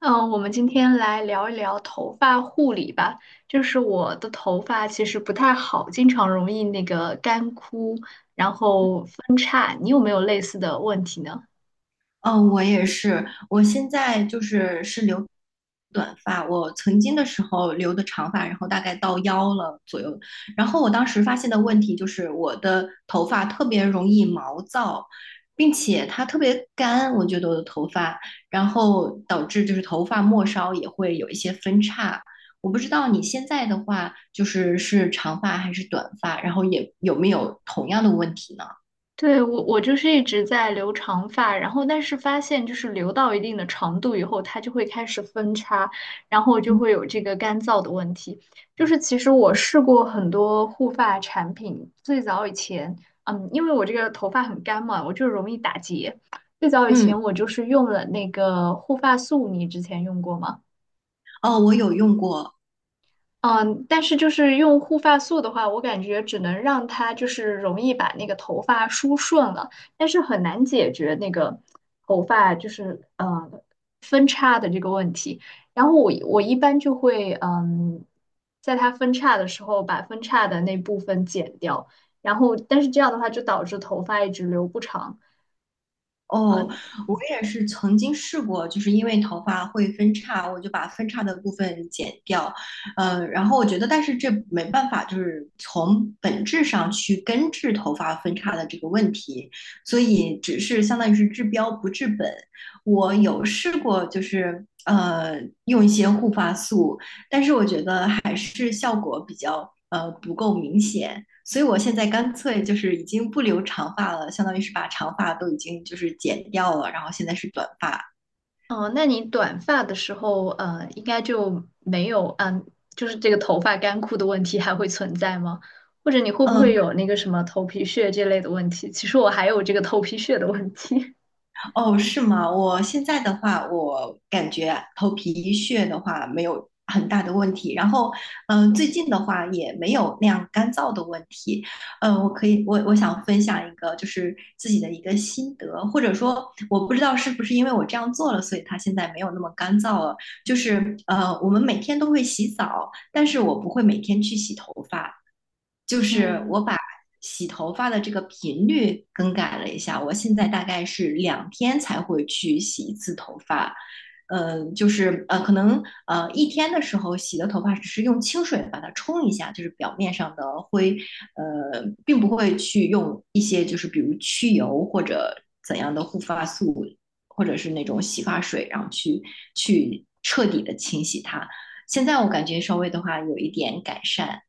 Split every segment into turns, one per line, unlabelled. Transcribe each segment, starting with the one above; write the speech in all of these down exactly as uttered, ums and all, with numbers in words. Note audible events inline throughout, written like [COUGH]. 嗯，呃我们今天来聊一聊头发护理吧。就是我的头发其实不太好，经常容易那个干枯，然后分叉。你有没有类似的问题呢？
哦，我也是。我现在就是是留短发，我曾经的时候留的长发，然后大概到腰了左右。然后我当时发现的问题就是我的头发特别容易毛躁，并且它特别干，我觉得我的头发，然后导致就是头发末梢也会有一些分叉。我不知道你现在的话就是是长发还是短发，然后也有没有同样的问题呢？
对，我我就是一直在留长发，然后但是发现就是留到一定的长度以后，它就会开始分叉，然后就
嗯
会有这个干燥的问题。就是其实我试过很多护发产品，最早以前，嗯，因为我这个头发很干嘛，我就容易打结。最早以
嗯，
前我就是用了那个护发素，你之前用过吗？
哦，我有用过。
嗯，但是就是用护发素的话，我感觉只能让它就是容易把那个头发梳顺了，但是很难解决那个头发就是呃分叉的这个问题。然后我我一般就会嗯，在它分叉的时候把分叉的那部分剪掉，然后但是这样的话就导致头发一直留不长。
哦，
嗯。
我也是曾经试过，就是因为头发会分叉，我就把分叉的部分剪掉。呃，然后我觉得，但是这没办法，就是从本质上去根治头发分叉的这个问题，所以只是相当于是治标不治本。我有试过，就是呃用一些护发素，但是我觉得还是效果比较呃不够明显。所以我现在干脆就是已经不留长发了，相当于是把长发都已经就是剪掉了，然后现在是短发。
哦，那你短发的时候，呃，应该就没有，嗯，就是这个头发干枯的问题还会存在吗？或者你会不会
嗯，
有那个什么头皮屑这类的问题？其实我还有这个头皮屑的问题。
哦，是吗？我现在的话，我感觉头皮屑的话没有很大的问题，然后，嗯、最近的话也没有那样干燥的问题。嗯、我可以，我我想分享一个就是自己的一个心得，或者说我不知道是不是因为我这样做了，所以它现在没有那么干燥了。就是呃，我们每天都会洗澡，但是我不会每天去洗头发。就
[LAUGHS]
是
嗯。
我把洗头发的这个频率更改了一下，我现在大概是两天才会去洗一次头发。呃，就是呃，可能呃一天的时候洗的头发只是用清水把它冲一下，就是表面上的灰，呃，并不会去用一些就是比如去油或者怎样的护发素，或者是那种洗发水，然后去去彻底的清洗它。现在我感觉稍微的话有一点改善。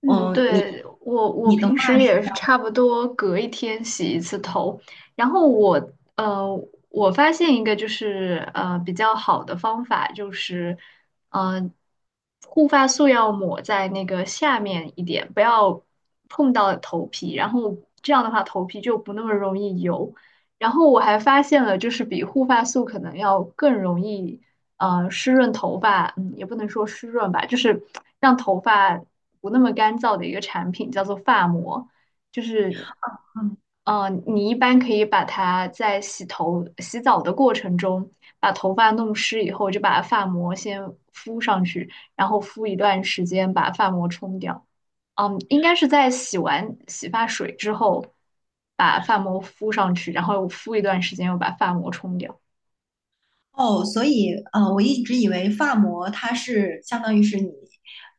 嗯，
嗯，你
对，我我
你都
平时也是差不多隔一天洗一次头，然后我呃，我发现一个就是呃比较好的方法就是，嗯、护发素要抹在那个下面一点，不要碰到头皮，然后这样的话头皮就不那么容易油。然后我还发现了，就是比护发素可能要更容易。呃湿润头发，嗯，也不能说湿润吧，就是让头发不那么干燥的一个产品，叫做发膜，就是。呃，你一般可以把它在洗头、洗澡的过程中，把头发弄湿以后，就把发膜先敷上去，然后敷一段时间，把发膜冲掉。嗯，应该是在洗完洗发水之后，把发膜敷上去，然后敷一段时间，又把发膜冲掉。
哦，所以呃，我一直以为发膜它是相当于是你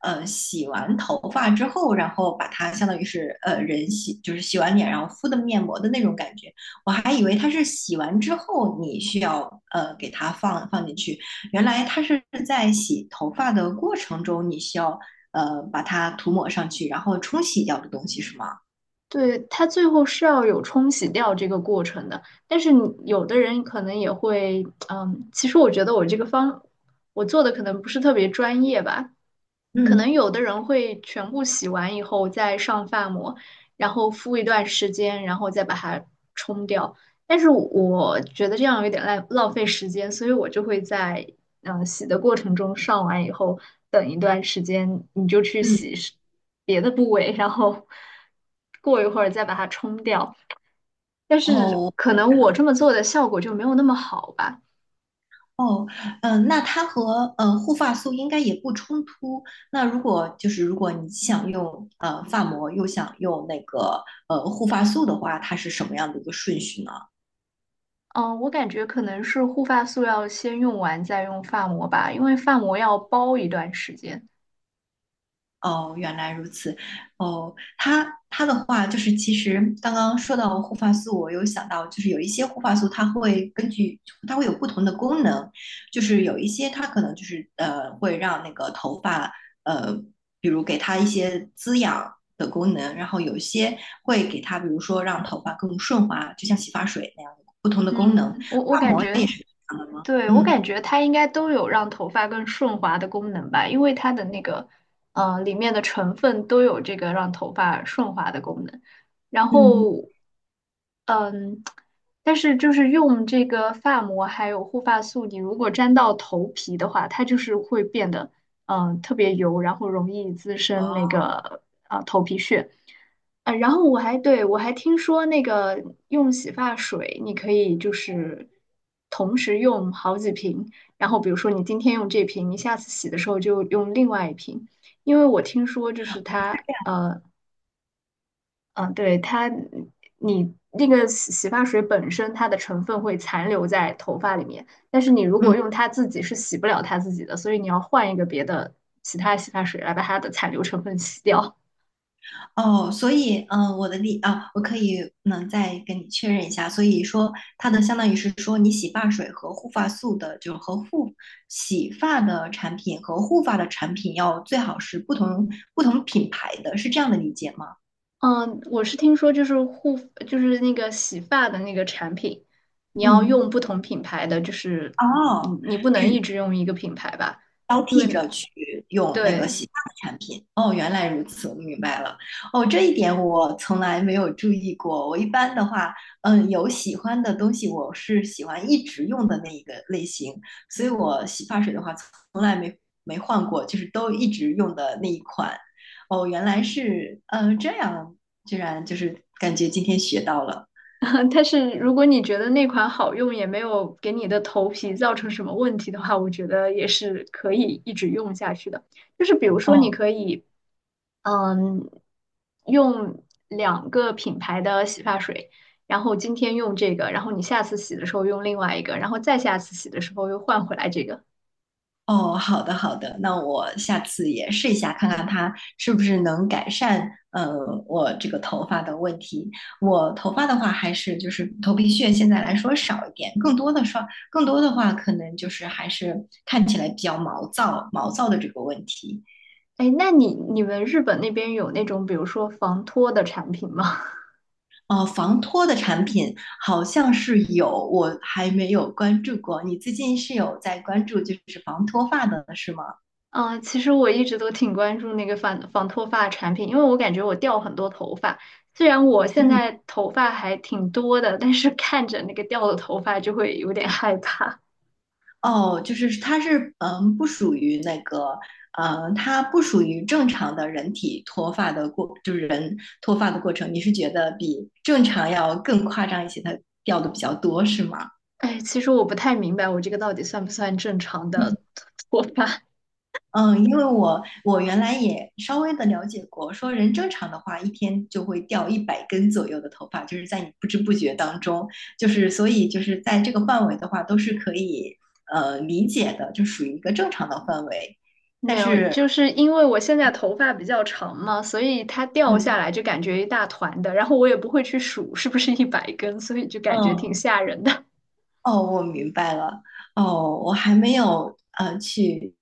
呃洗完头发之后，然后把它相当于是呃人洗就是洗完脸然后敷的面膜的那种感觉，我还以为它是洗完之后你需要呃给它放放进去，原来它是在洗头发的过程中你需要呃把它涂抹上去，然后冲洗掉的东西是吗？
对，它最后是要有冲洗掉这个过程的，但是你有的人可能也会，嗯，其实我觉得我这个方，我做的可能不是特别专业吧，可
嗯。
能有的人会全部洗完以后再上发膜，然后敷一段时间，然后再把它冲掉。但是我觉得这样有点浪浪费时间，所以我就会在嗯、呃洗的过程中上完以后等一段时间，你就去
嗯，
洗是别的部位，然后过一会儿再把它冲掉。但
哦，
是
我明
可能
白
我
了。
这么做的效果就没有那么好吧。
哦，嗯，那它和呃护发素应该也不冲突。那如果就是如果你既想用呃发膜，又想用那个呃护发素的话，它是什么样的一个顺序呢？
嗯，我感觉可能是护发素要先用完再用发膜吧，因为发膜要包一段时间。
哦，原来如此。哦，它它的话就是，其实刚刚说到护发素，我有想到，就是有一些护发素，它会根据它会有不同的功能，就是有一些它可能就是呃会让那个头发呃，比如给它一些滋养的功能，然后有一些会给它，比如说让头发更顺滑，就像洗发水那样的不同的功能。
嗯，我我
发
感
膜也
觉，
是这样的吗？
对，我感
嗯
觉它应该都有让头发更顺滑的功能吧，因为它的那个，嗯、里面的成分都有这个让头发顺滑的功能。然
嗯，
后，嗯，但是就是用这个发膜还有护发素，你如果沾到头皮的话，它就是会变得嗯、呃特别油，然后容易滋生那
哦，
个啊头皮屑。呃，然后我还对我还听说那个用洗发水，你可以就是同时用好几瓶，然后比如说你今天用这瓶，你下次洗的时候就用另外一瓶，因为我听说就是它呃嗯，对，它，你那个洗洗发水本身它的成分会残留在头发里面，但是你如果
嗯。
用它自己是洗不了它自己的，所以你要换一个别的其他洗发水来把它的残留成分洗掉。
哦，所以，嗯、呃我的理啊，我可以能再跟你确认一下。所以说，它的相当于是说，你洗发水和护发素的，就是和护洗发的产品和护发的产品要最好是不同不同品牌的，是这样的理解吗？
[LAUGHS] 嗯，我是听说就是护就是那个洗发的那个产品，你要
嗯，
用不同品牌的，就是你
哦，
你不能一直用一个品牌吧，
交
因
替
为
着去用那个
对。
洗发的产品。哦，原来如此，我明白了。哦，这一点我从来没有注意过。我一般的话，嗯，有喜欢的东西，我是喜欢一直用的那一个类型，所以我洗发水的话，从来没没换过，就是都一直用的那一款。哦，原来是，嗯这样，居然就是感觉今天学到了。
[LAUGHS] 但是如果你觉得那款好用，也没有给你的头皮造成什么问题的话，我觉得也是可以一直用下去的。就是比如说，你
哦，
可以，嗯，用两个品牌的洗发水，然后今天用这个，然后你下次洗的时候用另外一个，然后再下次洗的时候又换回来这个。
哦，好的好的，那我下次也试一下，看看它是不是能改善呃我这个头发的问题。我头发的话，还是就是头皮屑现在来说少一点，更多的说更多的话，可能就是还是看起来比较毛躁毛躁的这个问题。
哎，那你你们日本那边有那种比如说防脱的产品吗？
哦，防脱的产品好像是有，我还没有关注过。你最近是有在关注就是防脱发的是吗？
嗯，呃其实我一直都挺关注那个反防脱发产品，因为我感觉我掉很多头发。虽然我现
嗯。
在头发还挺多的，但是看着那个掉的头发就会有点害怕。
哦，就是它是嗯，不属于那个，呃，它不属于正常的人体脱发的过，就是人脱发的过程。你是觉得比正常要更夸张一些，它掉的比较多，是吗？
哎，其实我不太明白我这个到底算不算正常的脱发？
嗯，因为我我原来也稍微的了解过，说人正常的话，一天就会掉一百根左右的头发，就是在你不知不觉当中，就是所以就是在这个范围的话，都是可以呃理解的，就属于一个正常的范围。
没
但
有，
是，
就是因为我现在头发比较长嘛，所以它掉
嗯
下来就感觉一大团的，然后我也不会去数是不是一百根，所以就感觉
嗯，
挺吓人的。
哦，我明白了。哦，我还没有呃去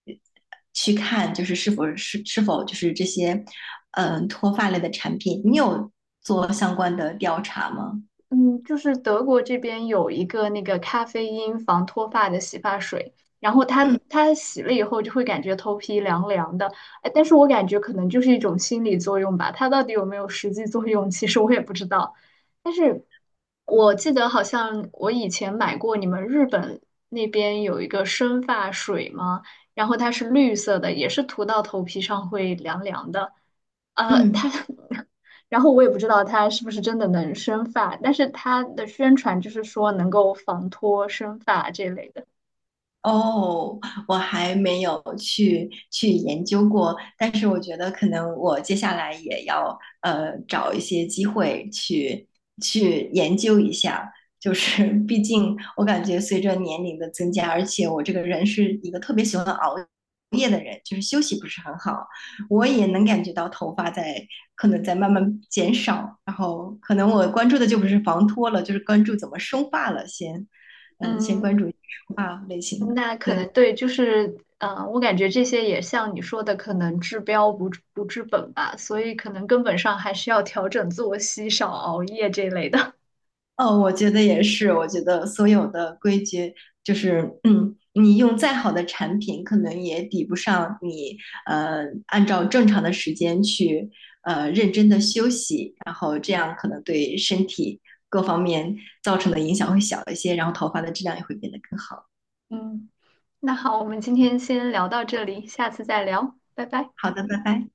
去看，就是是否是是否就是这些嗯、呃脱发类的产品，你有做相关的调查吗？
嗯，就是德国这边有一个那个咖啡因防脱发的洗发水，然后它
嗯
它洗了以后就会感觉头皮凉凉的，哎，但是我感觉可能就是一种心理作用吧，它到底有没有实际作用，其实我也不知道。但是我记得好像我以前买过你们日本那边有一个生发水嘛，然后它是绿色的，也是涂到头皮上会凉凉的。呃，它
嗯。
[LAUGHS] 然后我也不知道它是不是真的能生发，但是它的宣传就是说能够防脱生发这类的。
哦，我还没有去去研究过，但是我觉得可能我接下来也要呃找一些机会去去研究一下，就是毕竟我感觉随着年龄的增加，而且我这个人是一个特别喜欢熬夜的人，就是休息不是很好，我也能感觉到头发在可能在慢慢减少，然后可能我关注的就不是防脱了，就是关注怎么生发了先，嗯、先关
嗯，
注生发类型的。
那可能
对，
对，就是嗯、呃我感觉这些也像你说的，可能治标不治不治本吧，所以可能根本上还是要调整作息，少熬夜这类的。
哦，我觉得也是。我觉得所有的规矩，就是，嗯，你用再好的产品，可能也抵不上你，呃，按照正常的时间去，呃，认真的休息，然后这样可能对身体各方面造成的影响会小一些，然后头发的质量也会变得更好。
嗯，那好，我们今天先聊到这里，下次再聊，拜拜。
好的，拜拜。